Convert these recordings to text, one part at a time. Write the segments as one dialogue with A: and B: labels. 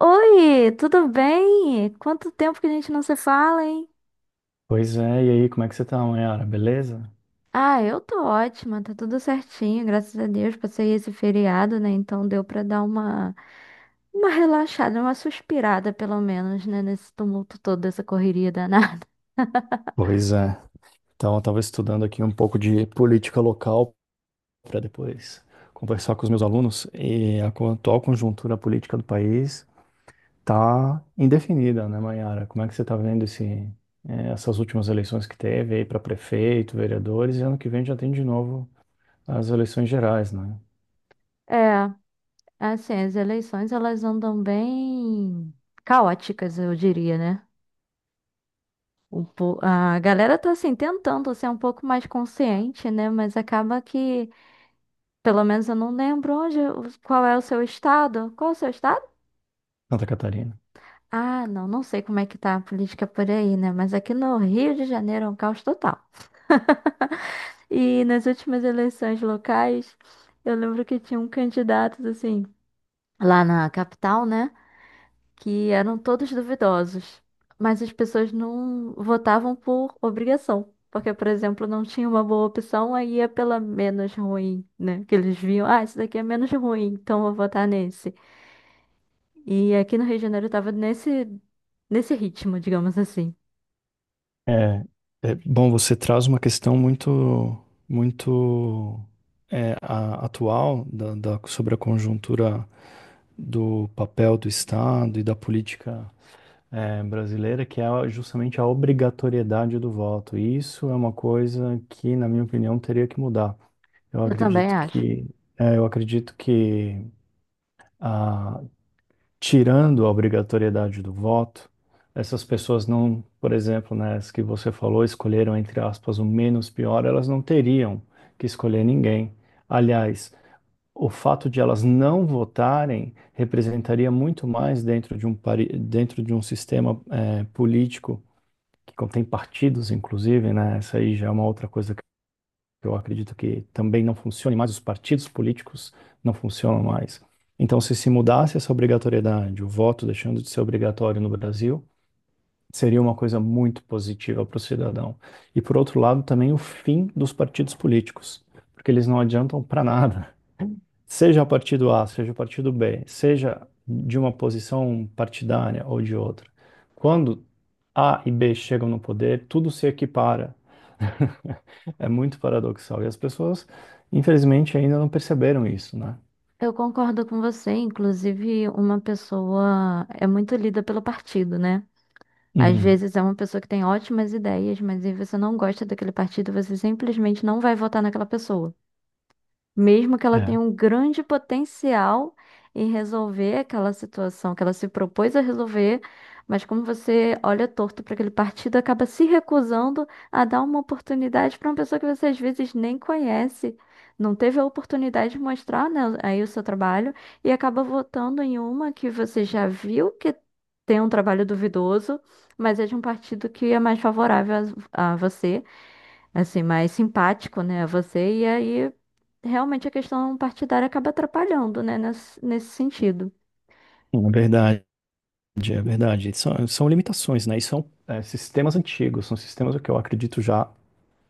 A: Oi, tudo bem? Quanto tempo que a gente não se fala, hein?
B: Pois é, e aí, como é que você tá, Mayara? Beleza?
A: Ah, eu tô ótima, tá tudo certinho, graças a Deus. Passei esse feriado, né? Então deu pra dar uma relaxada, uma suspirada pelo menos, né, nesse tumulto todo, dessa correria danada.
B: Pois é. Então, eu tava estudando aqui um pouco de política local para depois conversar com os meus alunos e a atual conjuntura política do país tá indefinida, né, Mayara? Como é que você tá vendo essas últimas eleições que teve aí para prefeito, vereadores e ano que vem já tem de novo as eleições gerais, né?
A: É, assim, as eleições elas andam bem caóticas, eu diria, né? A galera tá assim tentando ser um pouco mais consciente, né? Mas acaba que pelo menos eu não lembro onde, qual é o seu estado. Qual é o seu estado?
B: Santa Catarina.
A: Ah, não, não sei como é que tá a política por aí, né? Mas aqui no Rio de Janeiro é um caos total. E nas últimas eleições locais, eu lembro que tinha um candidato, assim, lá na capital, né? Que eram todos duvidosos. Mas as pessoas não votavam por obrigação. Porque, por exemplo, não tinha uma boa opção, aí ia pela menos ruim, né? Que eles viam, ah, esse daqui é menos ruim, então vou votar nesse. E aqui no Rio de Janeiro tava nesse ritmo, digamos assim.
B: É, Bom, você traz uma questão muito atual sobre a conjuntura do papel do Estado e da política brasileira, que é justamente a obrigatoriedade do voto. E isso é uma coisa que, na minha opinião, teria que mudar. Eu
A: Eu também
B: acredito
A: acho.
B: que, eu acredito que, tirando a obrigatoriedade do voto, essas pessoas não, por exemplo, né, as que você falou, escolheram, entre aspas, o menos pior, elas não teriam que escolher ninguém. Aliás, o fato de elas não votarem representaria muito mais dentro de dentro de um sistema, político que contém partidos, inclusive, né? Essa aí já é uma outra coisa, eu acredito que também não funcione mais, os partidos políticos não funcionam mais. Então, se mudasse essa obrigatoriedade, o voto deixando de ser obrigatório no Brasil, seria uma coisa muito positiva para o cidadão. E, por outro lado, também o fim dos partidos políticos, porque eles não adiantam para nada, seja o partido A, seja o partido B, seja de uma posição partidária ou de outra, quando A e B chegam no poder, tudo se equipara. É muito paradoxal. E as pessoas, infelizmente, ainda não perceberam isso, né?
A: Eu concordo com você, inclusive uma pessoa é muito lida pelo partido, né? Às
B: Uhum.
A: vezes é uma pessoa que tem ótimas ideias, mas aí você não gosta daquele partido, você simplesmente não vai votar naquela pessoa, mesmo que ela
B: É,
A: tenha um grande potencial em resolver aquela situação que ela se propôs a resolver, mas como você olha torto para aquele partido, acaba se recusando a dar uma oportunidade para uma pessoa que você às vezes nem conhece, não teve a oportunidade de mostrar, né, aí o seu trabalho, e acaba votando em uma que você já viu que tem um trabalho duvidoso, mas é de um partido que é mais favorável a você, assim, mais simpático, né, a você, e aí realmente a questão partidária acaba atrapalhando, né, nesse sentido.
B: é verdade, é verdade. São limitações, né? E sistemas antigos, são sistemas que eu acredito já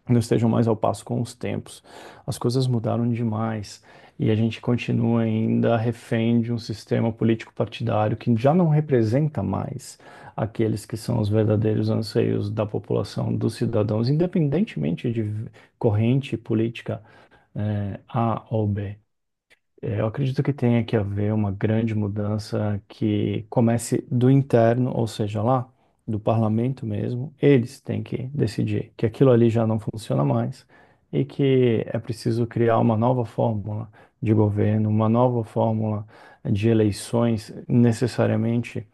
B: não estejam mais ao passo com os tempos. As coisas mudaram demais e a gente continua ainda refém de um sistema político partidário que já não representa mais aqueles que são os verdadeiros anseios da população, dos cidadãos, independentemente de corrente política, A ou B. É, eu acredito que tenha que haver uma grande mudança que comece do interno, ou seja, lá do parlamento mesmo. Eles têm que decidir que aquilo ali já não funciona mais e que é preciso criar uma nova fórmula de governo, uma nova fórmula de eleições. Necessariamente,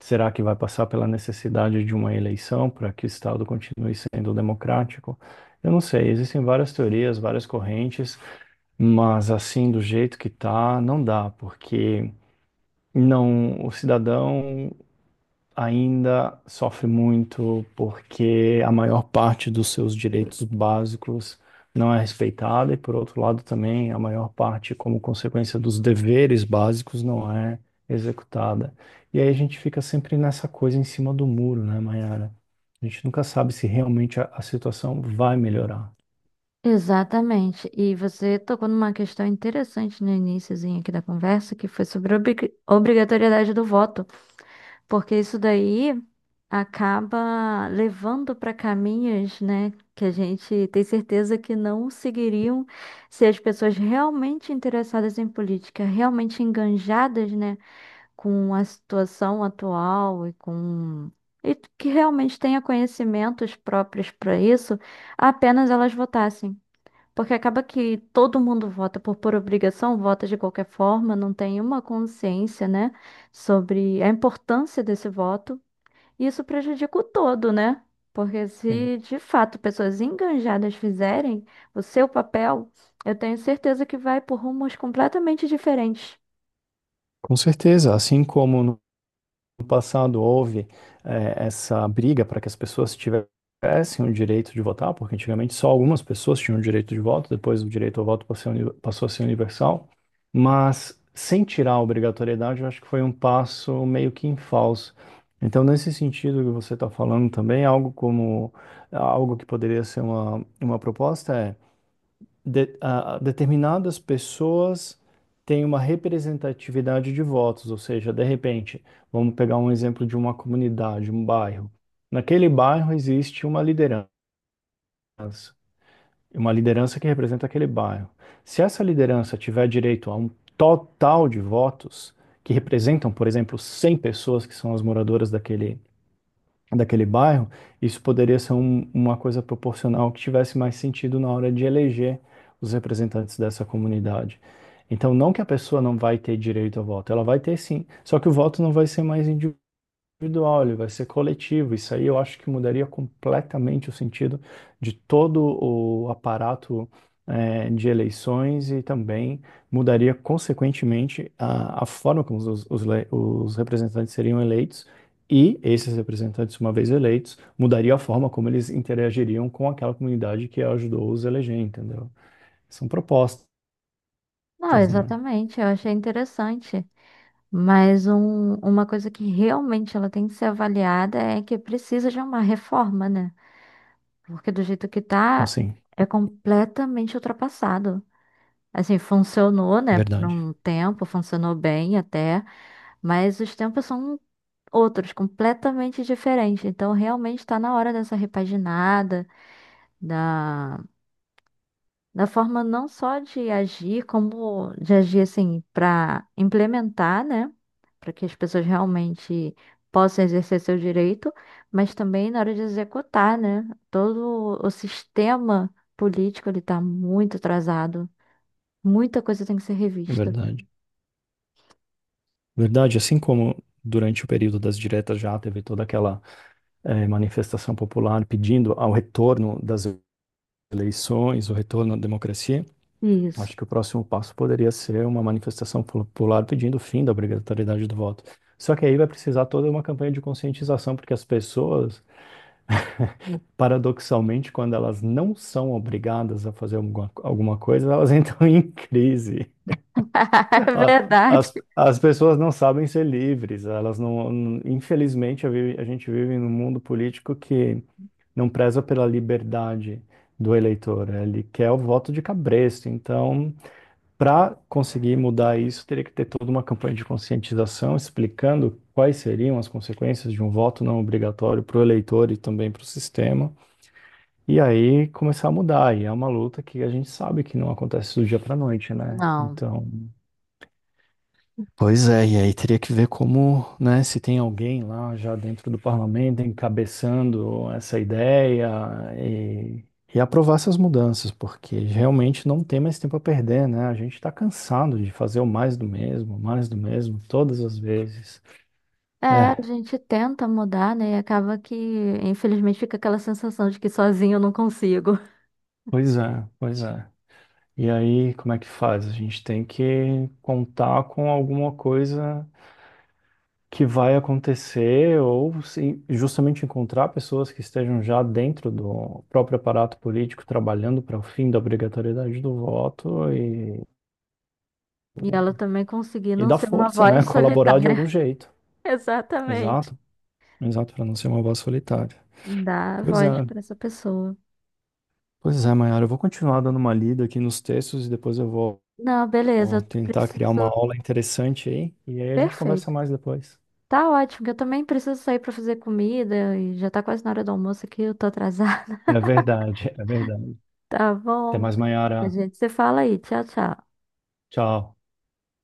B: será que vai passar pela necessidade de uma eleição para que o Estado continue sendo democrático? Eu não sei, existem várias teorias, várias correntes. Mas assim, do jeito que tá, não dá, porque não, o cidadão ainda sofre muito porque a maior parte dos seus direitos básicos não é respeitada e, por outro lado, também a maior parte, como consequência dos deveres básicos, não é executada. E aí a gente fica sempre nessa coisa em cima do muro, né, Mayara? A gente nunca sabe se realmente a situação vai melhorar.
A: Exatamente. E você tocou numa questão interessante no iniciozinho aqui da conversa, que foi sobre a obrigatoriedade do voto, porque isso daí acaba levando para caminhos, né, que a gente tem certeza que não seguiriam se as pessoas realmente interessadas em política, realmente enganjadas, né, com a situação atual e que realmente tenha conhecimentos próprios para isso, apenas elas votassem. Porque acaba que todo mundo vota por obrigação, vota de qualquer forma, não tem uma consciência, né, sobre a importância desse voto. E isso prejudica o todo, né? Porque
B: Sim.
A: se de fato pessoas engajadas fizerem o seu papel, eu tenho certeza que vai por rumos completamente diferentes.
B: Com certeza, assim como no passado houve, essa briga para que as pessoas tivessem o direito de votar, porque antigamente só algumas pessoas tinham o direito de voto, depois o direito ao voto passou a ser passou a ser universal, mas sem tirar a obrigatoriedade, eu acho que foi um passo meio que em falso. Então, nesse sentido que você está falando também, algo como algo que poderia ser uma proposta é determinadas pessoas têm uma representatividade de votos, ou seja, de repente, vamos pegar um exemplo de uma comunidade, um bairro. Naquele bairro existe uma liderança que representa aquele bairro. Se essa liderança tiver direito a um total de votos, que representam, por exemplo, 100 pessoas que são as moradoras daquele bairro, isso poderia ser uma coisa proporcional que tivesse mais sentido na hora de eleger os representantes dessa comunidade. Então, não que a pessoa não vai ter direito ao voto, ela vai ter sim, só que o voto não vai ser mais individual, ele vai ser coletivo. Isso aí eu acho que mudaria completamente o sentido de todo o aparato, de eleições, e também mudaria, consequentemente, a forma como os representantes seriam eleitos. E esses representantes, uma vez eleitos, mudaria a forma como eles interagiriam com aquela comunidade que ajudou os a eleger, entendeu? São propostas,
A: Não,
B: né?
A: exatamente, eu achei interessante. Mas uma coisa que realmente ela tem que ser avaliada é que precisa de uma reforma, né? Porque do jeito que tá,
B: Assim,
A: é completamente ultrapassado. Assim, funcionou, né, por
B: verdade,
A: um tempo, funcionou bem até, mas os tempos são outros, completamente diferentes. Então, realmente está na hora dessa repaginada, na forma não só de agir, como de agir assim para implementar, né? Para que as pessoas realmente possam exercer seu direito, mas também na hora de executar, né? Todo o sistema político ele está muito atrasado, muita coisa tem que ser
B: é
A: revista.
B: verdade. Verdade, assim como durante o período das diretas já teve toda aquela, manifestação popular pedindo ao retorno das eleições, o retorno à democracia,
A: Isso.
B: acho que o próximo passo poderia ser uma manifestação popular pedindo o fim da obrigatoriedade do voto. Só que aí vai precisar toda uma campanha de conscientização, porque as pessoas, paradoxalmente, quando elas não são obrigadas a fazer alguma coisa, elas entram em crise.
A: É
B: A-
A: verdade.
B: As, as pessoas não sabem ser livres, elas infelizmente, a gente vive num mundo político que não preza pela liberdade do eleitor, ele quer o voto de cabresto. Então, para conseguir mudar isso, teria que ter toda uma campanha de conscientização explicando quais seriam as consequências de um voto não obrigatório para o eleitor e também para o sistema. E aí começar a mudar. E é uma luta que a gente sabe que não acontece do dia para noite, né?
A: Não.
B: Então. Pois é, e aí teria que ver como, né, se tem alguém lá já dentro do parlamento encabeçando essa ideia e, e aprovar essas mudanças, porque realmente não tem mais tempo a perder, né? A gente está cansado de fazer o mais do mesmo, todas as vezes.
A: É, a
B: É,
A: gente tenta mudar, né? E acaba que, infelizmente, fica aquela sensação de que sozinho eu não consigo.
B: pois é, pois é. E aí, como é que faz? A gente tem que contar com alguma coisa que vai acontecer ou se justamente encontrar pessoas que estejam já dentro do próprio aparato político trabalhando para o fim da obrigatoriedade do voto
A: E ela também conseguir
B: e
A: não
B: dar
A: ser uma
B: força, né?
A: voz
B: Colaborar de
A: solitária.
B: algum jeito.
A: Exatamente.
B: Exato, exato, para não ser uma voz solitária.
A: Dá
B: Pois é,
A: voz para essa pessoa.
B: pois é, Mayara, eu vou continuar dando uma lida aqui nos textos e depois eu vou
A: Não, beleza,
B: vou
A: eu
B: tentar criar uma
A: preciso.
B: aula interessante aí e aí a gente conversa
A: Perfeito.
B: mais depois.
A: Tá ótimo, que eu também preciso sair para fazer comida e já tá quase na hora do almoço aqui, eu tô atrasada.
B: É verdade, é verdade.
A: Tá
B: Até
A: bom?
B: mais,
A: A
B: Mayara.
A: gente se fala aí. Tchau, tchau.
B: Tchau.